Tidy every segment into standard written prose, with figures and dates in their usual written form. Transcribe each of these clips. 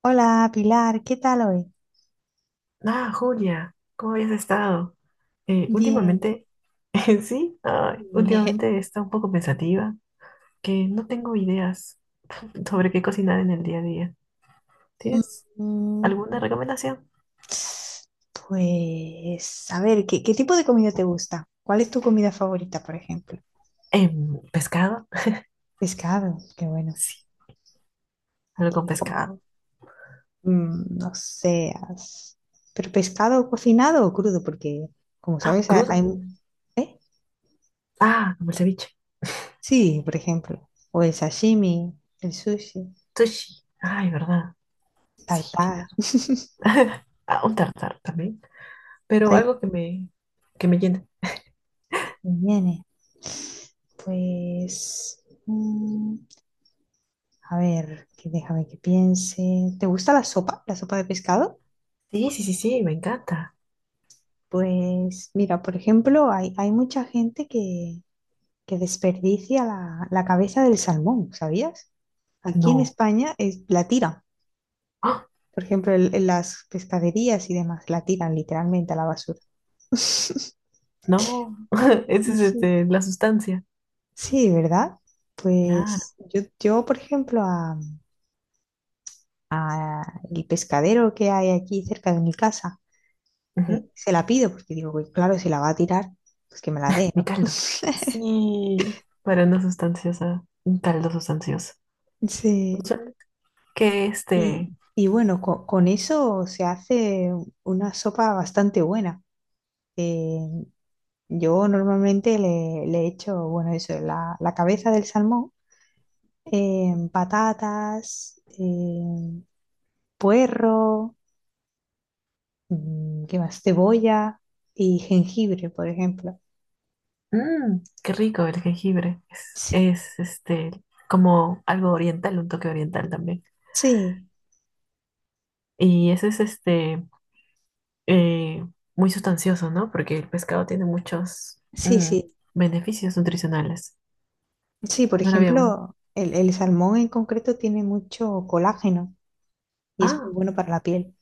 Hola Pilar, ¿qué tal hoy? Ah, Julia, ¿cómo habías estado? Bien. Últimamente, sí, ay, Bien. últimamente he estado un poco pensativa, que no tengo ideas sobre qué cocinar en el día a día. ¿Tienes Mm, alguna recomendación? Pues, a ver, ¿qué tipo de comida te gusta? ¿Cuál es tu comida favorita, por ejemplo? ¿Pescado? Pescado, qué bueno. Sí, algo Qué con co- pescado. mm, no sé, as- Pero pescado cocinado o crudo, porque como Ah, sabes, hay... crudo. ¿Eh? Ah, como el ceviche. Sí, por ejemplo. O el sashimi, el sushi, Sushi. Ay, ¿verdad? Sí, tienes tartar, razón. Ah, un tartar también, pero hay que me llene. viene. Pues... mm, A ver, que déjame que piense. ¿Te gusta la sopa? ¿La sopa de pescado? Sí, sí, sí, sí, me encanta. Pues mira, por ejemplo, hay mucha gente que desperdicia la cabeza del salmón, ¿sabías? Aquí en No. España es, la tiran. Ah. Por ejemplo, en las pescaderías y demás, la tiran literalmente a la basura. No, ese es Sí, la sustancia. sí, ¿verdad? Claro. Pues yo por ejemplo, a el pescadero que hay aquí cerca de mi casa, Ujú. se la pido, porque digo, "Uy, claro, si la va a tirar, pues que me la dé, Mi ¿no?" caldo. Sí, para una sustanciosa, un caldo sustancioso. Sí. Suena. Que Y bueno, eso se hace una sopa bastante buena. Eh, yo normalmente le echo, bueno, eso, la cabeza del salmón, patatas, puerro, mm, ¿qué más? Cebolla y jengibre, por ejemplo. Qué rico el jengibre. Sí, Es como algo oriental, un toque oriental también. sí, Y ese es eh, muy sustancioso, ¿no? Porque el pescado tiene muchos sí, sí. beneficios nutricionales. Sí, por No lo habíamos. ejemplo, el salmón en concreto tiene mucho colágeno y es muy Ah, bueno para la piel.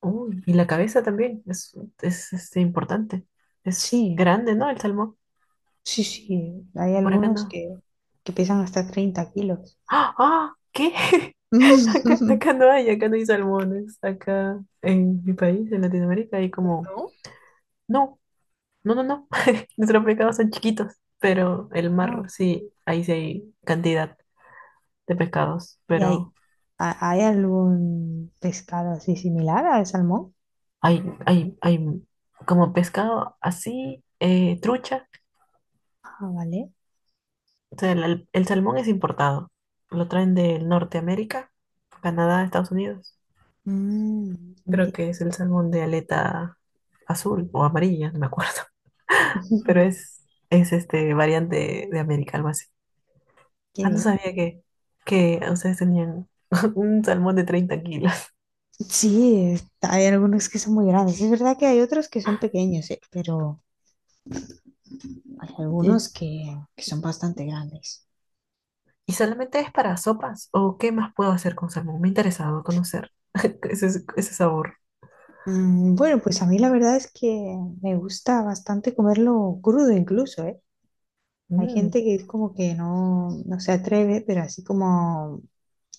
uy, y la cabeza también es importante. Es Sí, grande, ¿no? El salmón. sí, sí. Hay Por acá algunos no. Que pesan hasta 30 kilos. ¡Ah! ¡Ah! ¿Qué? ¿No? Acá no hay salmones. Acá en mi país, en Latinoamérica, hay como. No, no. Nuestros pescados son chiquitos, pero el Ah, mar sí, ahí sí hay cantidad de pescados. ¿y hay, Pero hay algún pescado así similar al salmón? Hay como pescado así, trucha. Ah, vale. O sea, el salmón es importado. Lo traen de Norteamérica, Canadá, Estados Unidos. Mm, Creo enti- que es el salmón de aleta azul o amarilla, no me acuerdo. Pero es este variante de América, algo así. Qué Ah, no bien. sabía que ustedes tenían un salmón de 30 kilos. Sí, hay algunos que son muy grandes. Es verdad que hay otros que son pequeños, pero hay ¿Y, algunos que son bastante grandes. y solamente es para sopas? ¿O qué más puedo hacer con salmón? Me ha interesado conocer ese sabor. Bueno, pues a mí la verdad es que me gusta bastante comerlo crudo incluso, ¿eh? Hay Mm. gente que es como que no, no se atreve, pero así como,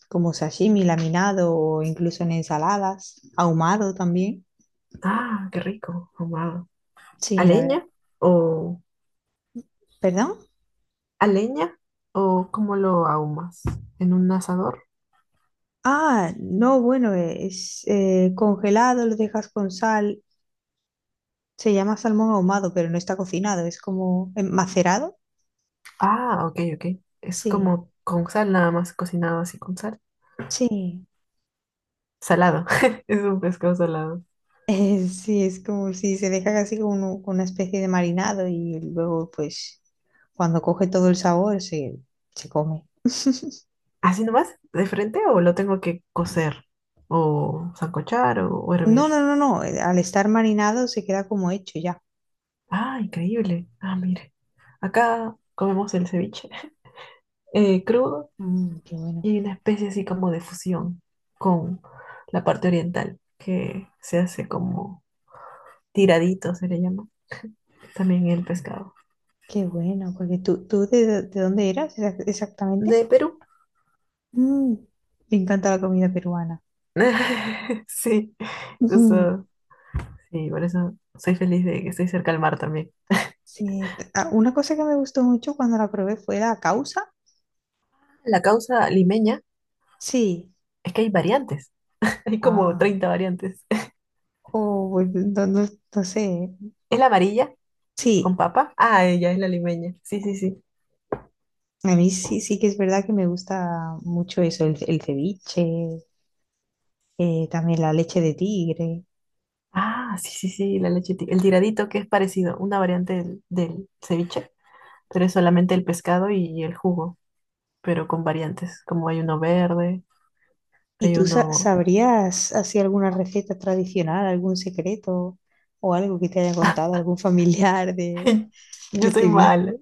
como sashimi laminado o incluso en ensaladas, ahumado también. Ah, qué rico, ahumado. ¿A Sí, la verdad. leña? ¿O ¿Perdón? ¿A leña? ¿O cómo lo ahumas? ¿En un asador? Ah, no, bueno, es congelado, lo dejas con sal. Se llama salmón ahumado, pero no está cocinado, es como macerado. Ah, ok, ok. Es Sí, como con sal nada más, cocinado así con sal. sí. Salado. Es un pescado salado. Sí, es como si se deja casi como con una especie de marinado y luego pues cuando coge todo el sabor se, se come. ¿Así nomás? ¿De frente o lo tengo que cocer? ¿O sancochar o hervir? No, no, no, no, al estar marinado se queda como hecho ya. Ah, increíble. Ah, mire. Acá comemos el ceviche crudo Mm, y hay una especie así como de fusión con la parte oriental que se hace como tiradito, se le llama también el pescado. qué bueno, porque tú, ¿tú de, de dónde eras exactamente? De Perú. Mm, me encanta la comida peruana. Sí, Ujú, eso, sí, por eso soy feliz de que estoy cerca al mar también. sí, ah, una cosa que me gustó mucho cuando la probé fue la causa. La causa limeña Sí, es que hay variantes, hay como ah, 30 variantes. oh, pues, no, no sé. ¿Eh? ¿Es la amarilla con Sí. papa? Ah, ella es la limeña, sí, sí, sí. A mí sí, sí que es verdad que me gusta mucho eso, el ceviche, también la leche de tigre. Ah, sí, sí, sí, la leche ti- el tiradito que es parecido, una variante del ceviche, pero es solamente el pescado y el jugo, pero con variantes, como hay uno verde, ¿Y hay tú uno... sabrías así alguna receta tradicional, algún secreto o algo que te haya contado algún familiar de Yo soy ceviche mala.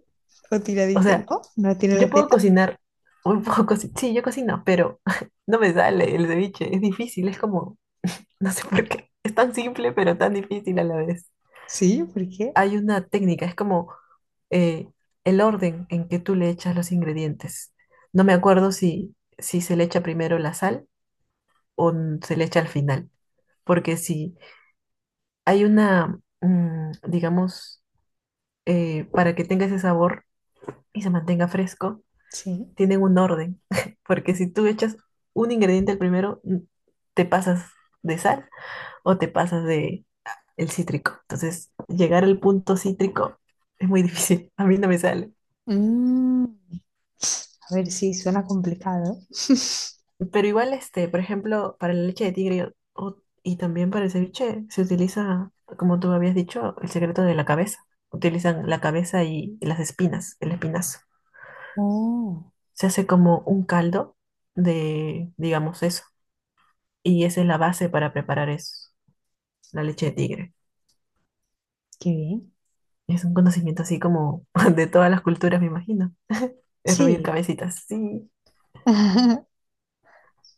o O tiradito? sea, ¿No? ¿No tiene yo puedo receta? cocinar, un poco sí, sí, yo cocino, pero no me sale el ceviche, es difícil, es como, no sé por qué, es tan simple pero tan difícil a la vez. Sí, ¿por qué? Hay una técnica, es como eh, el orden en que tú le echas los ingredientes. No me acuerdo si se le echa primero la sal o n- se le echa al final, porque si hay una, digamos, para que tenga ese sabor y se mantenga fresco Sí. tienen un orden, porque si tú echas un ingrediente al primero, te pasas de sal o te pasas de el cítrico. Entonces, llegar al punto cítrico es muy difícil, a mí no me sale. Mm, a ver, sí, suena complicado. Pero igual, este, por ejemplo, para la leche de tigre o- y también para el ceviche se utiliza, como tú habías dicho, el secreto de la cabeza. Utilizan la cabeza y las espinas, el espinazo. Oh, Se hace como un caldo de, digamos, eso. Y esa es la base para preparar eso, la leche de tigre. qué bien. Es un conocimiento así como de todas las culturas, me imagino. Hervir Sí. cabecitas, sí.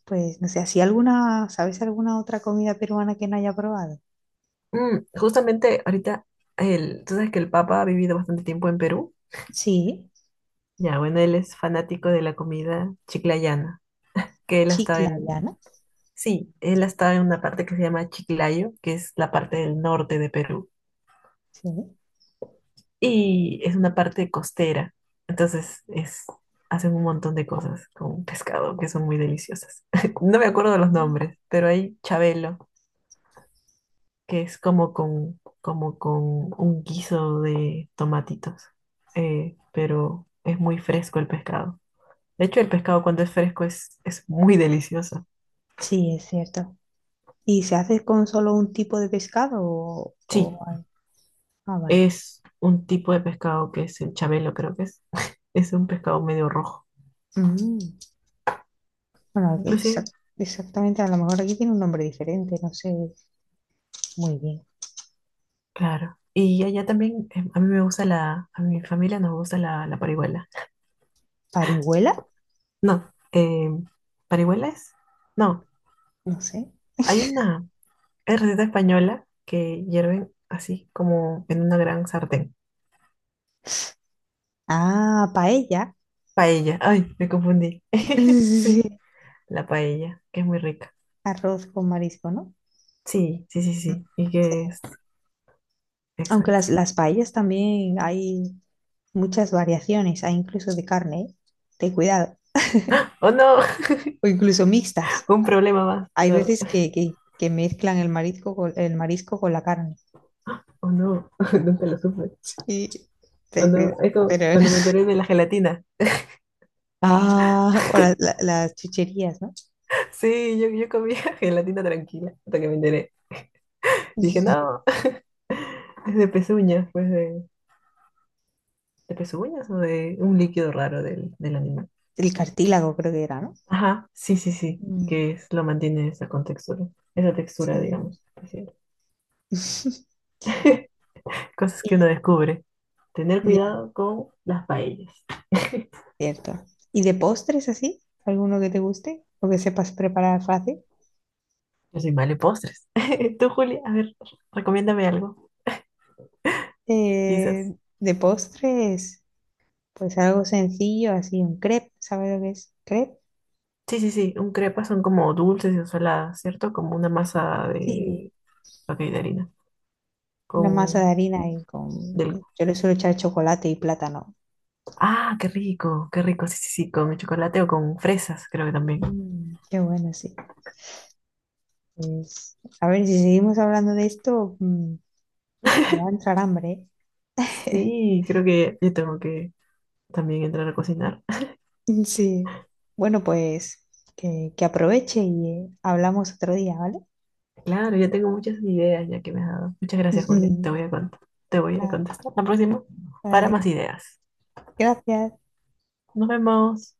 Pues no sé, ¿así alguna, sabes alguna otra comida peruana que no haya probado? Mm, justamente ahorita, tú sabes que el Papa ha vivido bastante tiempo en Perú. Sí, Ya, bueno, él es fanático de la comida chiclayana, que él ha estado en, chiclayana, sí, él ha estado en una parte que se llama Chiclayo, que es la parte del norte de Perú. sí. Y es una parte costera. Entonces, es, hacen un montón de cosas con pescado que son muy deliciosas. No me acuerdo de los Mm. nombres, pero hay chabelo que es como como con un guiso de tomatitos, pero es muy fresco el pescado. De hecho, el pescado cuando es fresco es muy delicioso. Sí, es cierto. ¿Y se hace con solo un tipo de pescado Sí, o hay- Ah, vale. es un tipo de pescado que es el chabelo, creo que es. Es un pescado medio rojo. Mm. Bueno, que Inclusive, exactamente, a lo mejor aquí tiene un nombre diferente, no sé muy bien. claro. Y allá también, a mí me gusta a mi familia nos gusta la parihuela. ¿Parihuela? No, ¿parihuela es? No, No sé. hay una... Es receta española que hierven así como en una gran sartén. Ah, paella. Paella. Ay, me confundí. Sí, Sí, sí. la paella, que es muy rica. Arroz con marisco, ¿no? Sí, sí, sí, sí. Y que es Aunque exacto. Las paellas también hay, muchas variaciones, hay incluso de carne, ¿eh? Ten cuidado, Oh no, o incluso mixtas. un problema más. Hay No, veces que mezclan el marisco con la carne. oh no, nunca lo supe. Y Oh ten no, cuidado. es como Pero, cuando me enteré de la gelatina. ah, o las chucherías, ¿no? Sí, yo comía gelatina tranquila hasta que me enteré. Dije, Y no, es de pezuñas, pues de pezuñas o de un líquido raro del animal. el cartílago creo que era, ¿no? Ajá, sí, sí, sí, Mm, que es, lo mantiene esa contextura, esa textura, sí. digamos. Así. Es. Cosas que uno Y- descubre. Tener ya, cuidado con las paellas. cierto. ¿Y de postres así? ¿Alguno que te guste o que sepas preparar fácil? Yo soy mal en postres. Tú, Julia, a ver, recomiéndame algo, quizás. Eh, de postres. Pues algo sencillo, así un crepe, ¿sabes lo que es crepe? Sí, sí, sí, un crepa son como dulces y saladas, ¿cierto? Como una masa Sí. de, ok, de harina, Una masa de con, harina y con... del, yo le suelo echar chocolate y plátano. ah, qué rico, sí, sí, sí, con chocolate o con fresas, creo que también. Mm, qué bueno, sí. Pues, a ver, si seguimos hablando de esto, mm, me va a entrar hambre. ¿Eh? Sí, creo que yo tengo que también entrar a cocinar. Sí. Bueno, pues que aproveche y hablamos otro día, ¿vale? Claro, yo tengo muchas ideas ya que me has dado. Muchas gracias, Julia. Te voy a cont- te voy a Ah, contestar la próxima para vale, más ideas. gracias. Nos vemos.